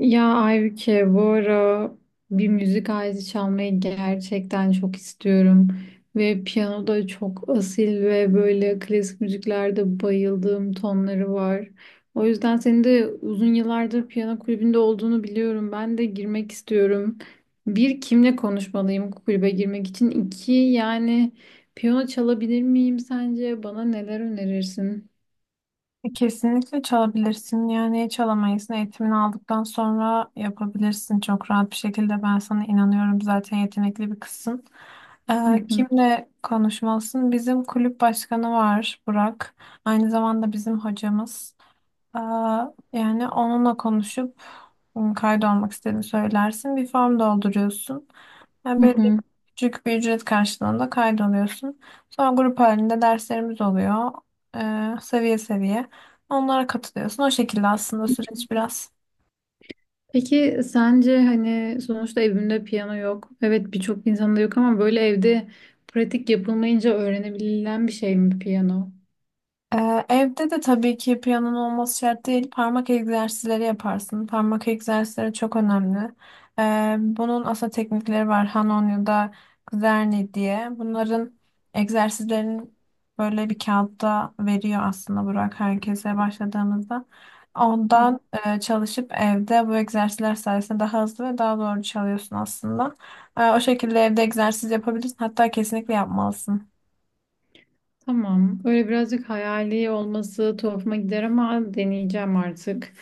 Ya Aybüke, bu ara bir müzik aleti çalmayı gerçekten çok istiyorum. Ve piyano da çok asil ve böyle klasik müziklerde bayıldığım tonları var. O yüzden senin de uzun yıllardır piyano kulübünde olduğunu biliyorum. Ben de girmek istiyorum. Bir, kimle konuşmalıyım kulübe girmek için? İki, yani piyano çalabilir miyim sence? Bana neler önerirsin? Kesinlikle çalabilirsin. Yani çalamayız. Eğitimini aldıktan sonra yapabilirsin çok rahat bir şekilde. Ben sana inanıyorum. Zaten yetenekli bir kızsın. Hı hı. Kimle konuşmalısın? Bizim kulüp başkanı var Burak. Aynı zamanda bizim hocamız. Ee, Yani onunla konuşup kaydolmak istediğini söylersin. Bir form dolduruyorsun. Yani Hı böyle hı. küçük bir ücret karşılığında kaydoluyorsun. Sonra grup halinde derslerimiz oluyor. Seviye seviye. Onlara katılıyorsun. O şekilde aslında süreç biraz. Peki sence hani sonuçta evimde piyano yok. Evet, birçok insanda yok ama böyle evde pratik yapılmayınca öğrenebilen bir şey mi piyano? Evde de tabii ki piyanonun olması şart değil. Parmak egzersizleri yaparsın. Parmak egzersizleri çok önemli. Bunun aslında teknikleri var. Hanon ya da Kuzerni diye. Bunların egzersizlerini böyle bir kağıtta veriyor aslında Burak herkese başladığımızda. Hı. Ondan çalışıp evde bu egzersizler sayesinde daha hızlı ve daha doğru çalıyorsun aslında. O şekilde evde egzersiz yapabilirsin. Hatta kesinlikle yapmalısın. Tamam. Öyle birazcık hayali olması tuhafıma gider ama deneyeceğim artık.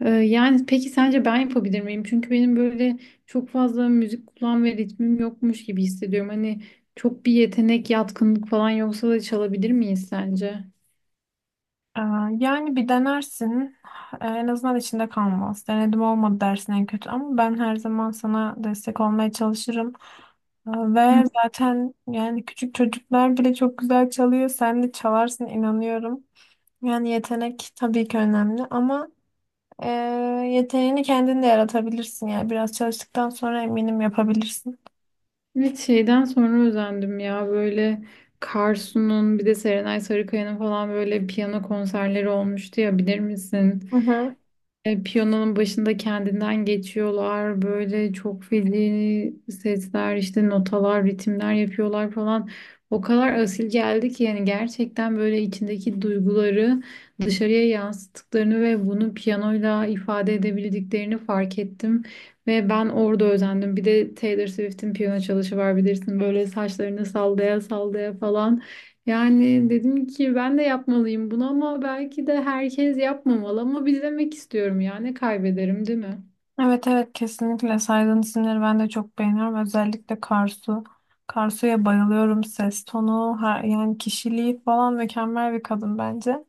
Yani peki sence ben yapabilir miyim? Çünkü benim böyle çok fazla müzik kulağım ve ritmim yokmuş gibi hissediyorum. Hani çok bir yetenek, yatkınlık falan yoksa da çalabilir miyiz sence? Ee, Yani bir denersin. En azından içinde kalmaz. Denedim olmadı dersin en kötü ama ben her zaman sana destek olmaya çalışırım. Ve zaten yani küçük çocuklar bile çok güzel çalıyor. Sen de çalarsın inanıyorum. Yani yetenek tabii ki önemli ama e, yeteneğini kendin de yaratabilirsin. Yani biraz çalıştıktan sonra eminim yapabilirsin. Evet, şeyden sonra özendim ya, böyle Karsu'nun bir de Serenay Sarıkaya'nın falan böyle piyano konserleri olmuştu ya, bilir misin? Piyanonun başında kendinden geçiyorlar, böyle çok feci sesler işte, notalar, ritimler yapıyorlar falan, o kadar asil geldi ki yani gerçekten böyle içindeki duyguları dışarıya yansıttıklarını ve bunu piyanoyla ifade edebildiklerini fark ettim ve ben orada özendim. Bir de Taylor Swift'in piyano çalışı var, bilirsin, böyle saçlarını sallaya sallaya falan. Yani dedim ki ben de yapmalıyım bunu, ama belki de herkes yapmamalı ama bir demek istiyorum ya, ne kaybederim değil mi? Evet, evet, kesinlikle saydığın isimleri ben de çok beğeniyorum. Özellikle Karsu. Karsu'ya bayılıyorum. Ses tonu, yani kişiliği falan mükemmel bir kadın bence.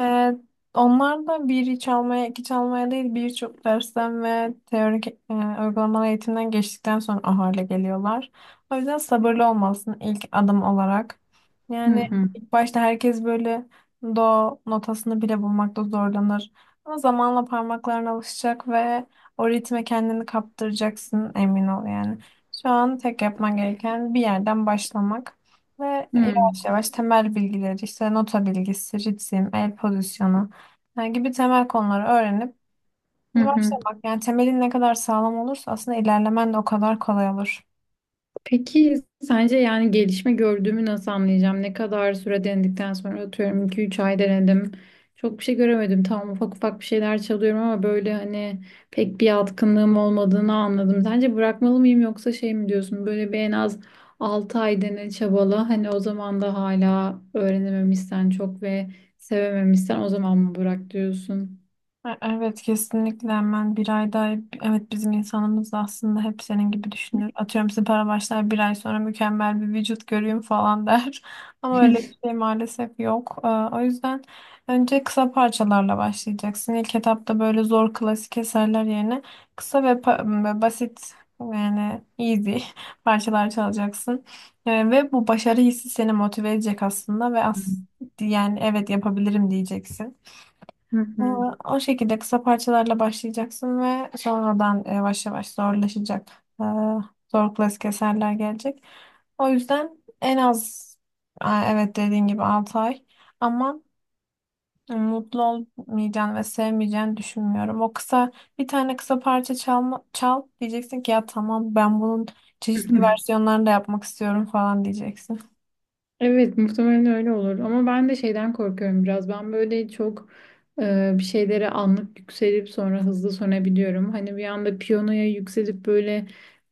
Ee, Onlar da bir çalmaya, iki çalmaya değil birçok dersten ve teorik uygulamalı eğitimden geçtikten sonra o hale geliyorlar. O yüzden sabırlı olmalısın ilk adım olarak. Hı Yani hı. ilk başta herkes böyle do notasını bile bulmakta zorlanır. Ama zamanla parmaklarına alışacak ve o ritme kendini kaptıracaksın emin ol yani. Şu an tek yapman gereken bir yerden başlamak ve Hı yavaş yavaş temel bilgileri, işte nota bilgisi, ritim, el pozisyonu yani gibi temel konuları öğrenip hı. Hı. başlamak. Yani temelin ne kadar sağlam olursa aslında ilerlemen de o kadar kolay olur. Peki sence yani gelişme gördüğümü nasıl anlayacağım? Ne kadar süre denedikten sonra, atıyorum iki üç ay denedim. Çok bir şey göremedim. Tamam, ufak ufak bir şeyler çalıyorum ama böyle hani pek bir yatkınlığım olmadığını anladım. Sence bırakmalı mıyım, yoksa şey mi diyorsun? Böyle bir en az 6 ay dene, çabala. Hani o zaman da hala öğrenememişsen çok ve sevememişsen, o zaman mı bırak diyorsun? Evet, kesinlikle, hemen bir ay daha evet, bizim insanımız da aslında hep senin gibi düşünür. Atıyorum, spora başlar, bir ay sonra mükemmel bir vücut göreyim falan der. Ama öyle bir şey maalesef yok. O yüzden önce kısa parçalarla başlayacaksın. İlk etapta böyle zor klasik eserler yerine kısa ve basit, yani easy parçalar çalacaksın. Ve bu başarı hissi seni motive edecek aslında ve yani evet, yapabilirim diyeceksin. Hı Ee, O şekilde kısa parçalarla başlayacaksın ve sonradan yavaş yavaş zorlaşacak. Ee, Zor klasik eserler gelecek. O yüzden en az, evet, dediğin gibi 6 ay, ama mutlu olmayacağını ve sevmeyeceğini düşünmüyorum. O kısa, bir tane kısa parça çal diyeceksin ki ya tamam, ben bunun çeşitli hı. versiyonlarını da yapmak istiyorum falan diyeceksin. Evet, muhtemelen öyle olur ama ben de şeyden korkuyorum biraz. Ben böyle çok bir şeylere anlık yükselip sonra hızlı sönebiliyorum. Hani bir anda piyanoya yükselip böyle,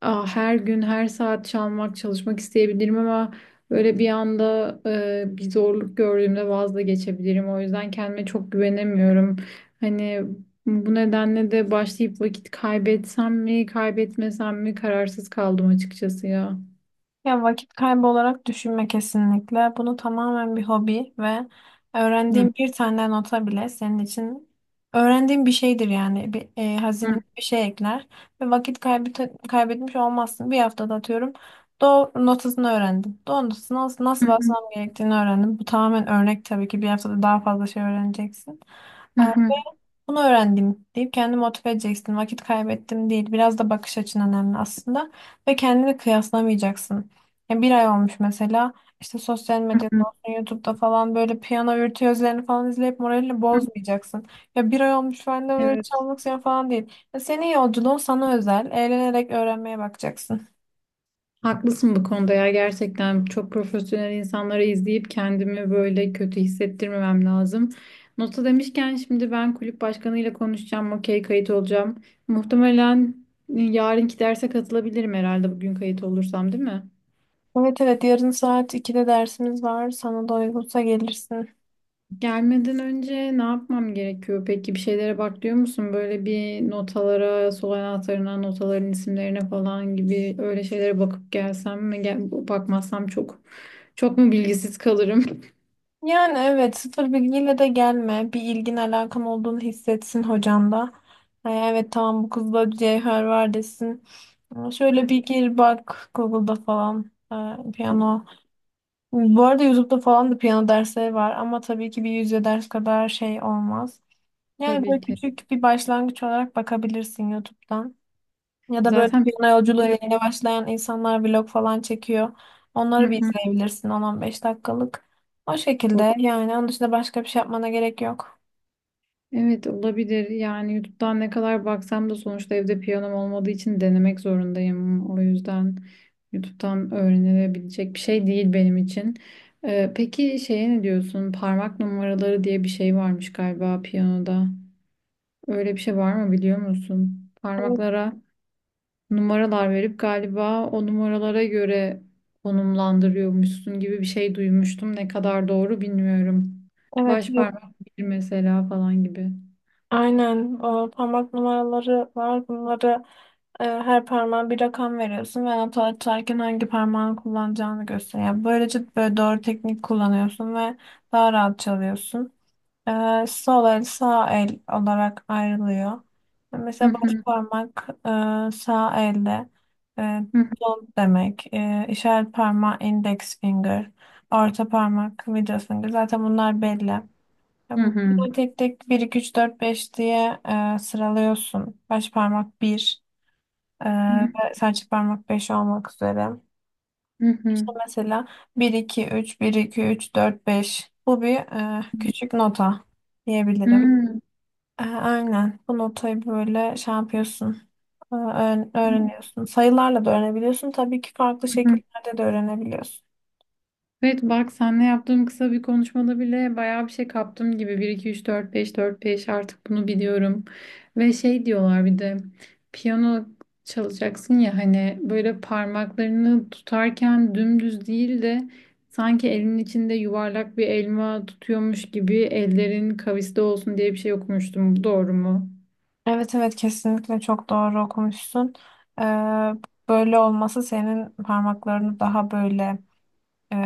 aa, her gün her saat çalmak, çalışmak isteyebilirim ama böyle bir anda bir zorluk gördüğümde vazgeçebilirim. O yüzden kendime çok güvenemiyorum, hani bu nedenle de başlayıp vakit kaybetsem mi, kaybetmesem mi, kararsız kaldım açıkçası ya. Ya vakit kaybı olarak düşünme kesinlikle. Bunu tamamen bir hobi ve Hı öğrendiğin bir tane nota bile senin için öğrendiğin bir şeydir yani. Hı, Hazine bir şey ekler ve vakit kaybetmiş olmazsın. Bir haftada atıyorum do notasını öğrendim. Do notasını hı nasıl basmam gerektiğini öğrendim. Bu tamamen örnek, tabii ki bir haftada daha fazla şey öğreneceksin. hı, Bunu öğrendim deyip kendini motive edeceksin. Vakit kaybettim değil. Biraz da bakış açın önemli aslında. Ve kendini kıyaslamayacaksın. Ya bir ay olmuş mesela, işte sosyal hı medyada hı. olsun, YouTube'da falan böyle piyano virtüözlerini falan izleyip moralini bozmayacaksın. Ya bir ay olmuş ben de böyle Evet, çalmak istiyorum falan değil. Ya senin yolculuğun sana özel. Eğlenerek öğrenmeye bakacaksın. haklısın bu konuda ya. Gerçekten çok profesyonel insanları izleyip kendimi böyle kötü hissettirmemem lazım. Nota demişken, şimdi ben kulüp başkanıyla konuşacağım, okey, kayıt olacağım. Muhtemelen yarınki derse katılabilirim herhalde, bugün kayıt olursam, değil mi? Evet, evet, yarın saat 2'de dersimiz var. Sana da uygunsa gelirsin. Gelmeden önce ne yapmam gerekiyor? Peki bir şeylere bak diyor musun? Böyle bir notalara, sol anahtarına, notaların isimlerine falan gibi öyle şeylere bakıp gelsem mi? Bakmazsam çok mu bilgisiz kalırım? Yani evet, sıfır bilgiyle de gelme. Bir ilgin alakan olduğunu hissetsin hocan da. Ha, evet, tamam, bu kızda cevher var desin. Ama şöyle Hı. bir gir bak Google'da falan, ha, piyano. Bu arada YouTube'da falan da piyano dersleri var ama tabii ki bir yüzde ders kadar şey olmaz. Yani Tabii böyle ki. küçük bir başlangıç olarak bakabilirsin YouTube'dan. Ya da böyle Zaten piyano piyano yolculuğuna yok. yeni başlayan insanlar vlog falan çekiyor. Hı Onları bir hı. izleyebilirsin, 10 beş dakikalık. O O- şekilde yani onun dışında başka bir şey yapmana gerek yok. Evet, olabilir. Yani YouTube'dan ne kadar baksam da sonuçta evde piyanom olmadığı için denemek zorundayım. O yüzden YouTube'dan öğrenilebilecek bir şey değil benim için. Peki şeye ne diyorsun? Parmak numaraları diye bir şey varmış galiba piyanoda. Öyle bir şey var mı, biliyor musun? Evet, Parmaklara numaralar verip galiba o numaralara göre konumlandırıyormuşsun gibi bir şey duymuştum. Ne kadar doğru bilmiyorum. evet, Baş evet. parmak bir mesela falan gibi. Aynen. O parmak numaraları var. Bunları her parmağa bir rakam veriyorsun ve nota atarken hangi parmağını kullanacağını gösteriyor. Yani böylece böyle doğru teknik kullanıyorsun ve daha rahat çalıyorsun. Sol el, sağ el olarak ayrılıyor. Hı Mesela baş hı, parmak sağ elde e, hı don't demek. İşaret parmağı, index finger. Orta parmak, middle finger. Zaten bunlar belli. Yani hı, bunları tek tek bir 2 3 4 5 diye sıralıyorsun. Baş parmak bir, e, hı hı, ve serçe parmak 5 olmak üzere. hı hı, İşte mesela bir iki üç, bir iki üç dört beş. Bu bir küçük nota hı diyebilirim. hı, Aynen. Bu notayı böyle şey yapıyorsun. Öğreniyorsun. Sayılarla da öğrenebiliyorsun. Tabii ki farklı hı hı. şekillerde de öğrenebiliyorsun. Evet bak, seninle yaptığım kısa bir konuşmada bile bayağı bir şey kaptım gibi. Bir, iki, üç, dört, beş, dört, beş, artık bunu biliyorum. Ve şey diyorlar bir de, piyano çalacaksın ya, hani böyle parmaklarını tutarken dümdüz değil de sanki elinin içinde yuvarlak bir elma tutuyormuş gibi ellerin kaviste olsun diye bir şey okumuştum. Bu doğru mu? Evet, evet, kesinlikle çok doğru okumuşsun. E, Böyle olması senin parmaklarını daha böyle e,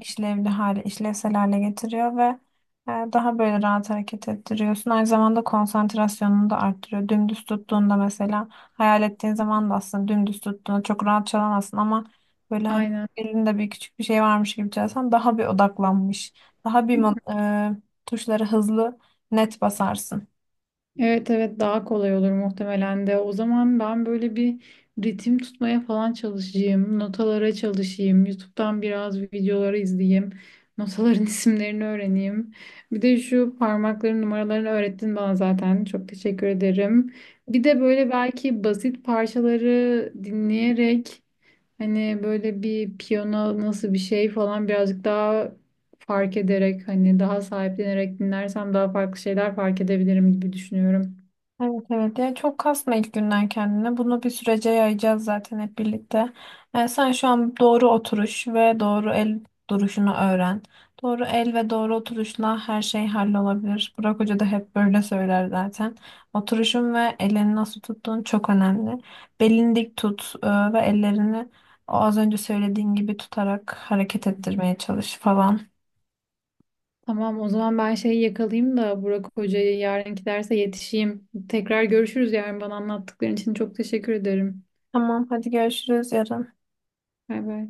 işlevsel hale getiriyor ve daha böyle rahat hareket ettiriyorsun. Aynı zamanda konsantrasyonunu da arttırıyor. Dümdüz tuttuğunda mesela, hayal ettiğin zaman da aslında dümdüz tuttuğunda çok rahat çalamazsın ama böyle hani Aynen. elinde bir küçük bir şey varmış gibi çalsan daha bir odaklanmış, daha bir mo- e, tuşları hızlı, net basarsın. Evet evet, daha kolay olur muhtemelen de. O zaman ben böyle bir ritim tutmaya falan çalışayım. Notalara çalışayım. YouTube'dan biraz videoları izleyeyim. Notaların isimlerini öğreneyim. Bir de şu parmakların numaralarını öğrettin bana zaten. Çok teşekkür ederim. Bir de böyle belki basit parçaları dinleyerek, hani böyle bir piyano nasıl bir şey falan birazcık daha fark ederek, hani daha sahiplenerek dinlersem daha farklı şeyler fark edebilirim gibi düşünüyorum. Evet, evet, ya çok kasma ilk günden kendine. Bunu bir sürece yayacağız zaten hep birlikte. Yani sen şu an doğru oturuş ve doğru el duruşunu öğren. Doğru el ve doğru oturuşla her şey hallolabilir. Burak Hoca da hep böyle söyler zaten. Oturuşun ve elini nasıl tuttuğun çok önemli. Belini dik tut ve ellerini o az önce söylediğin gibi tutarak hareket ettirmeye çalış falan. Tamam, o zaman ben şeyi yakalayayım da Burak Hoca'yı, yarınki derse yetişeyim. Tekrar görüşürüz yarın. Bana anlattıkların için çok teşekkür ederim. Tamam, hadi görüşürüz yarın. Bay bay.